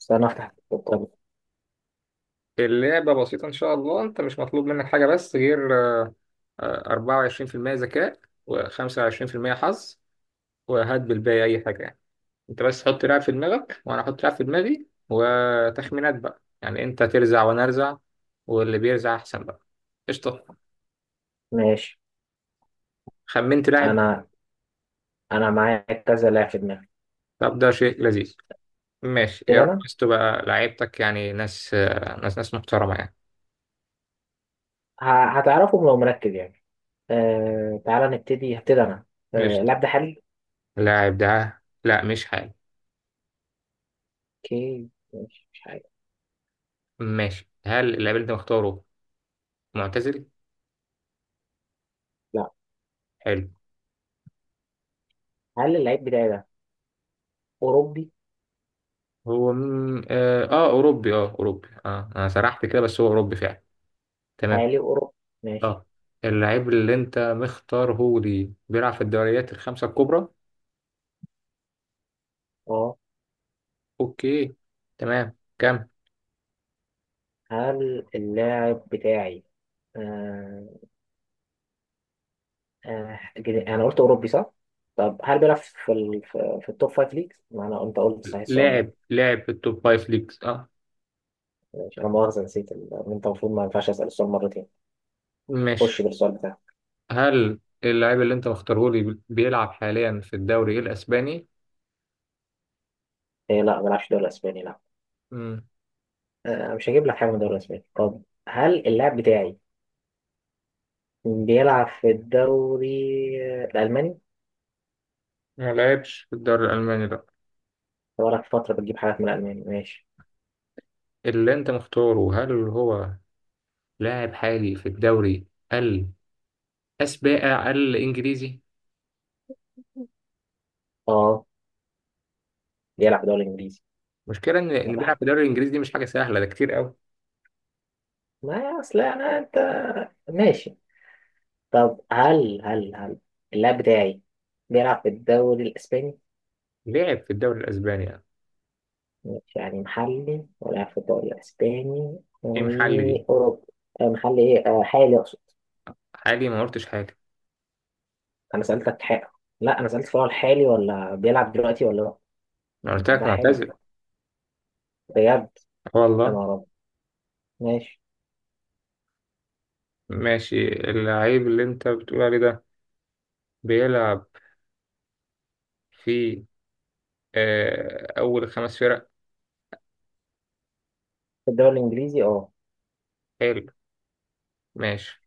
استنى افتح الكتاب. اللعبة بسيطة، إن شاء الله. أنت مش مطلوب منك حاجة بس غير 24% ذكاء و25% حظ، وهات بالباقي أي حاجة يعني. أنت بس حط لعب في دماغك وأنا أحط لعب في دماغي وتخمينات، بقى يعني أنت ترزع وأنا أرزع، واللي بيرزع أحسن بقى. قشطة. ماشي. خمنت لاعب. انا انا معايا كذا لاعب في دماغي. طب ده شيء لذيذ. ماشي يا ابتدي رب انا. بس تبقى لعيبتك يعني ناس، ناس محترمة يعني. هتعرفهم لو مركز يعني. أه، تعالى نبتدي، هبتدي انا. أه، قشطة. اللاعب ده حالي. اللاعب ده لا، مش حالي. اوكي ماشي، مش حاجة. ماشي، هل اللاعب اللي أنت مختاره معتزل؟ لا. حلو. هل اللعيب بتاعي ده اوروبي؟ هو م... اه آه، اوروبي. انا سرحت كده بس هو اوروبي فعلا. تمام. حالي اوروبي، ماشي. اه، اللعيب اللي انت مختار هو دي بيلعب في الدوريات الخمسة الكبرى. اه. اوكي. تمام. كم هل اللاعب بتاعي آه آه انا قلت اوروبي صح؟ طب هل بيلعب في في التوب فايف ليجز؟ ما انا انت قلت صحيح السؤال ده. لاعب في التوب فايف ليجز؟ اه. ماشي، انا مؤاخذه نسيت انت المفروض ما ينفعش اسال السؤال مرتين. ماشي، تخش بالسؤال بتاعك. هل اللعيب اللي انت مختاره لي بيلعب حاليا في الدوري الاسباني؟ إيه، لا، ما بلعبش دوري اسباني لا. مم. مش هجيب لك حاجه من الدوري الاسباني. طب هل اللاعب بتاعي بيلعب في الدوري الالماني؟ ما لعبش في الدوري الالماني لا. بقالك فتره بتجيب حاجات من الالماني، ماشي. اللي انت مختاره هل هو لاعب حالي في الدوري الاسباني الانجليزي؟ اه، بيلعب في الدوري الانجليزي. المشكله ان طب بيلعب في الدوري الانجليزي دي مش حاجه سهله، ده كتير قوي. ما اصل انا انت، ماشي. طب هل اللاعب بتاعي بيلعب في الدوري الاسباني؟ لعب في الدوري الاسباني يعني. ماشي، يعني محلي ولاعب في الدوري الاسباني ايه محل دي؟ واوروبا. محلي ايه، حالي اقصد. حالي ما قلتش حاجه. انا سالتك حق. لا، انا سالت فؤاد حالي ولا بيلعب دلوقتي ولا لا. انا قلت لك ده حالي معتزل. بجد. آه والله. انا رب. ماشي. ماشي، اللعيب اللي انت بتقول عليه ده بيلعب في اول خمس فرق. في الدوري الانجليزي اه. حلو. ماشي.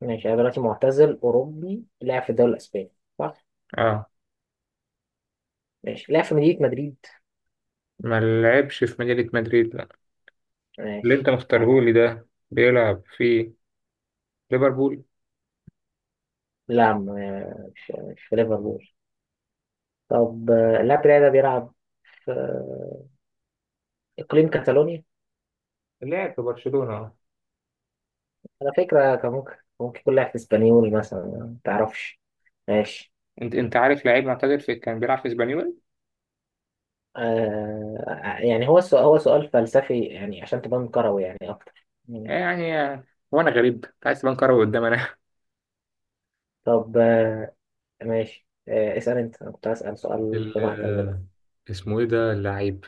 ماشي، انا دلوقتي معتزل اوروبي لعب في الدوري الاسباني، صح. اه، ماشي، لعب في مدينه مدريد. ما لعبش في مدينه مدريد لا. اللي انت ماشي. حلو. مختارهولي ده بيلعب في ليفربول؟ لا، مش في ليفربول. طب اللاعب بتاعي ده بيلعب في اقليم كاتالونيا. لعب في برشلونه آه. على فكره كان ممكن، ممكن يكون لاعب في اسبانيول مثلا، ما تعرفش. ماشي. انت عارف لعيب معتزل في كان بيلعب في اسبانيول. آه يعني هو السؤال، هو سؤال فلسفي يعني عشان تبان كروي يعني أكتر. يعني وانا غريب أنت عايز تبان كروي قدام. طب آه ماشي. آه اسأل أنت، أنا كنت هسأل سؤال في مقتل ال- ده. اسمه ايه ده اللعيب؟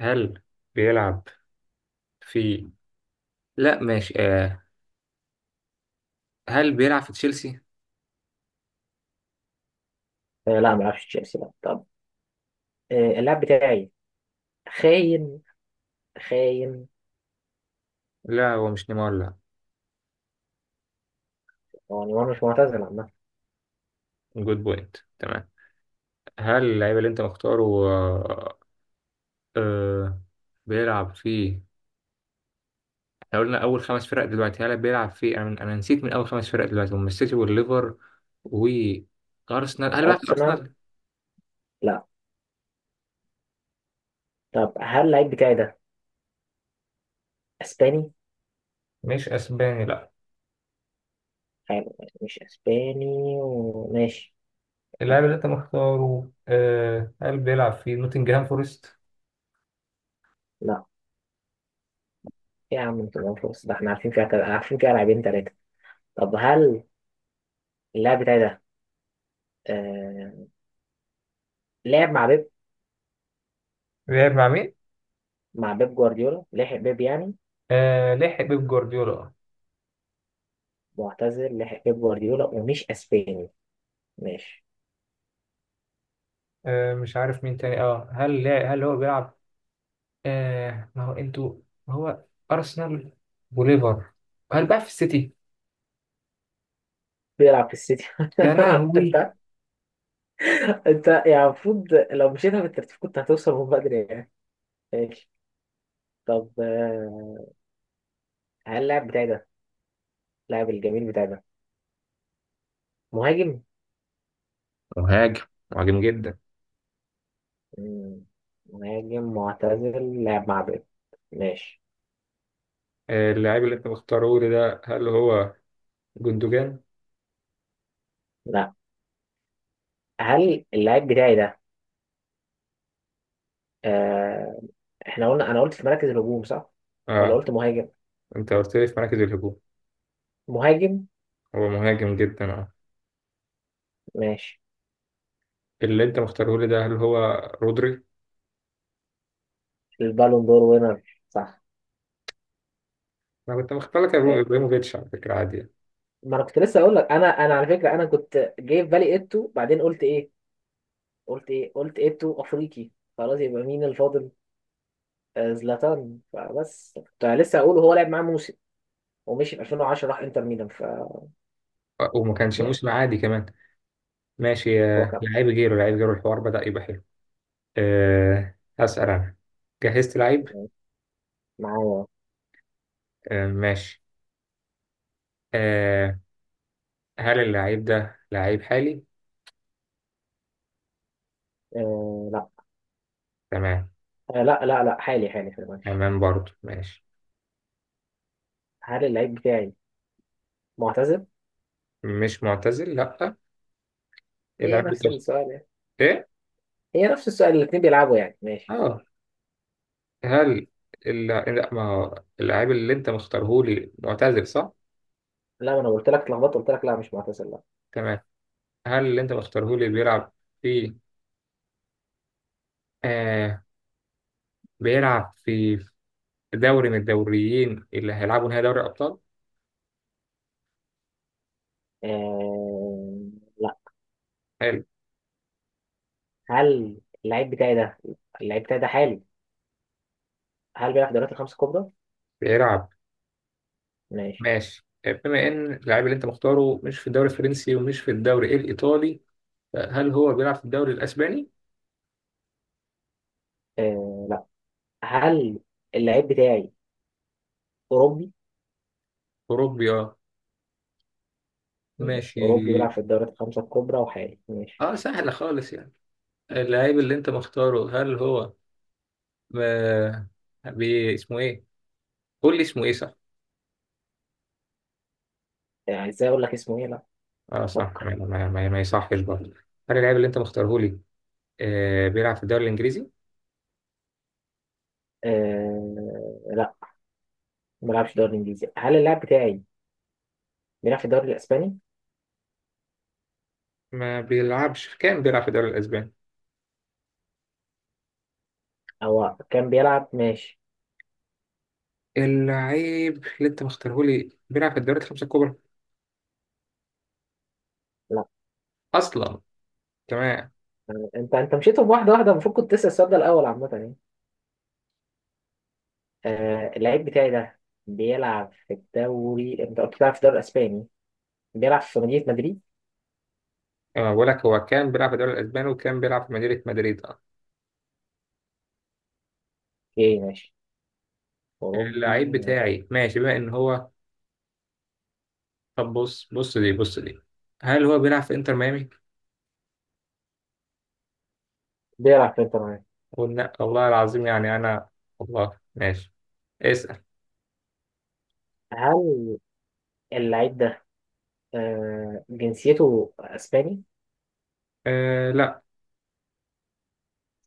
هل بيلعب في، لا ماشي، هل بيلعب في تشيلسي؟ آه لا، ما أعرفش تشيلسي لا. طب آه اللاعب بتاعي خاين، خاين. لا، هو مش نيمار لا. يعني وأنا مش معتزل عامة. جود بوينت. تمام. هل اللعيب اللي انت مختاره آه، بيلعب في، احنا قلنا اول خمس فرق دلوقتي، هل بيلعب في، انا نسيت، من اول خمس فرق دلوقتي هم السيتي والليفر وارسنال، هل بيلعب في أرسنال، ارسنال؟ لا. طب هل اللعيب بتاعي ده أسباني؟ مش اسباني لا. حلو، مش أسباني. وماشي. اللاعب اللي انت مختاره هل بيلعب في نوتنجهام فورست؟ لا. يا عم أنت ما فوز. ده إحنا عارفين فيها، عارفين فيها لاعبين تلاتة. طب هل اللاعب بتاعي ده آه لعب مع بيب؟ لعب مع مين؟ مع بيب جوارديولا، لحق بيب يعني. آه لحق بيب جوارديولا. معتزل لحق بيب جوارديولا ومش اسباني. ماشي. مش عارف مين تاني اه. هل هل هو بيلعب، ما هو انتوا، ما هو ارسنال وليفر، هل بقى في السيتي؟ بيلعب في السيتي. يا لهوي. انت انت يعني المفروض لو مشيتها بالترتيب كنت هتوصل من بدري يعني. ماشي. طب هل اللاعب بتاعي ده، اللاعب الجميل بتاعي ده، مهاجم. مهاجم. مهاجم جدا. مم، مهاجم معتزل لاعب مع بيب. ماشي. اللاعب اللي انت مختاره لي ده هل هو جندوجان؟ لا. هل اللاعب بتاعي ده آه احنا قلنا، انا قلت في مراكز الهجوم صح ولا اه، قلت مهاجم؟ انت قلت لي في مراكز الهجوم. مهاجم. هو مهاجم جدا اه. ماشي. اللي انت مختاره لي ده هل هو رودري؟ البالون دور وينر، صح. انا كنت مختار لك آه، ابراهيموفيتش على فكره عادي. ما انا كنت لسه اقول لك، انا على فكره انا كنت جاي في بالي ايتو، بعدين قلت ايه، قلت ايه، قلت ايتو افريقي، خلاص يبقى مين الفاضل؟ آه، زلاتان، فبس كنت لسه اقول هو لعب معاه موسم ومشي في 2010 راح انتر ميلان ف وما كانش لا. موسم عادي كمان. ماشي، هو كان لعيب غيره لعيب غيره، الحوار بدأ يبقى حلو. أه هسأل أنا. جهزت لعيب. معايا. أه ماشي أه. هل اللعيب ده لعيب حالي؟ آه لا. تمام. آه لا، لا، لا، حالي، حالي في الماتش. تمام برضه ماشي. هل اللعيب بتاعي معتزل؟ مش معتزل لأ. إيه هي اللعيب اللي نفس أنت السؤال يعني، إيه هي نفس السؤال، الاثنين بيلعبوا يعني، ماشي. أه هل لأ، ما هو اللعيب اللي أنت مختارهولي معتزل صح؟ لا، ما انا قلت لك اتلخبطت، قلت لك لا، مش معتزل لا. تمام. هل اللي أنت مختارهولي بيلعب في، أه بيلعب في دوري من الدوريين اللي هيلعبوا نهائي دوري الأبطال؟ آه. حلو. هل اللعيب بتاعي ده، اللعيب بتاعي ده حالي، هل بيلعب في الدوريات الخمس الكبرى؟ بيلعب. ماشي. ماشي. آه، بما ان اللاعب اللي انت مختاره مش في الدوري الفرنسي ومش في الدوري الايطالي، هل هو بيلعب في الدوري الاسباني؟ آه لا. هل اللعيب بتاعي أوروبي؟ اوروبي اه. ماشي. ماشي. أوروبي بيلعب في الدوريات الخمسة الكبرى وحالي، ماشي. اه سهله خالص يعني. اللاعب اللي انت مختاره هل هو ما بي... اسمه ايه؟ قول لي اسمه ايه صح. يعني ازاي أقول لك اسمه إيه؟ لا، اه صح، فكر. ما يصحش برضه. هل اللاعب اللي انت مختاره لي بيلعب في الدوري الانجليزي؟ آه لا، ما بيلعبش في الدوري الإنجليزي. هل اللاعب بتاعي بيلعب في الدوري الإسباني؟ ما بيلعبش. كان بيلعب في الدوري الاسباني. أو كان بيلعب، ماشي. اللاعب اللي انت مختاره لي بيلعب في الدوريات الخمسه الكبرى لا. اصلا؟ تمام. أنت أنت مشيتهم واحدة واحدة، المفروض كنت تسأل السؤال ده الأول عامة يعني. آه اللعيب بتاعي ده بيلعب في الدوري، أنت قلت بيلعب في الدوري الإسباني، بيلعب في مدينة مدريد. اه، بقول لك هو كان بيلعب في الدوري الاسباني وكان بيلعب في مدينه مدريد اه. اوكي ماشي. اوروبي. اللعيب ماشي، بتاعي، ماشي، بما ان هو، طب بص دي، هل هو بيلعب في انتر ميامي؟ بيلعب في انتر ميامي. قلنا والله العظيم يعني انا. والله ماشي. اسال. هل اللعيب ده آه جنسيته اسباني؟ آه لا،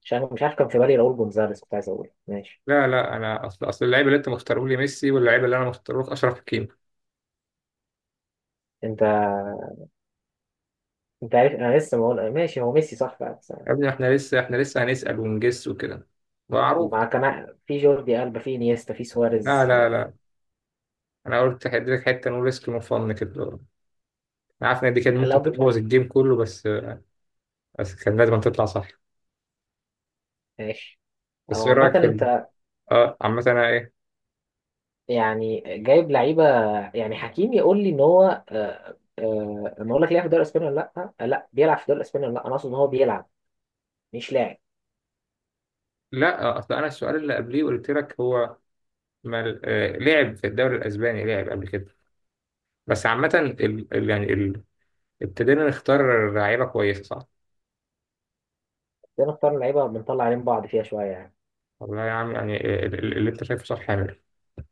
عشان أنا مش عارف، كان في بالي راؤول جونزاليس، كنت عايز اقول. ماشي. لا، لا انا اصل اللعيبه اللي انت مختاره لي ميسي واللعيبه اللي انا مختاره لك اشرف حكيمي. انت انت عارف انا لسه بقول ماشي هو ميسي صح بقى بس. يا ابني، احنا لسه هنسال ونجس وكده. معروف. مع كمان في جوردي ألبا، في نيستا، في لا، سواريز لا، آه. لا، انا قلت هديلك حته نقول ريسك وفن كده. انا عارف ان دي كانت ممكن لو جبت. تبوظ الجيم كله بس كان لازم تطلع صح. ماشي. بس او ايه عامة رايك في انت، اه عامة انا ايه. يعني جايب لعيبة، يعني حكيم يقول لي ان هو آه، لما اقول لك لعب في الدوري الاسباني ولا لا، لا بيلعب في الدوري الاسباني ولا لا، انا اقصد ان هو بيلعب مش لاعب. لا اصل انا السؤال اللي قبليه قلت لك هو ما لعب في الدوري الاسباني، لعب قبل كده. بس عامة ال... يعني ال... ابتدينا نختار لعيبة كويسة صح؟ بنختار لعيبة بنطلع عين بعض فيها شوية يعني. والله يا عم يعني اللي انت شايفه صح حامل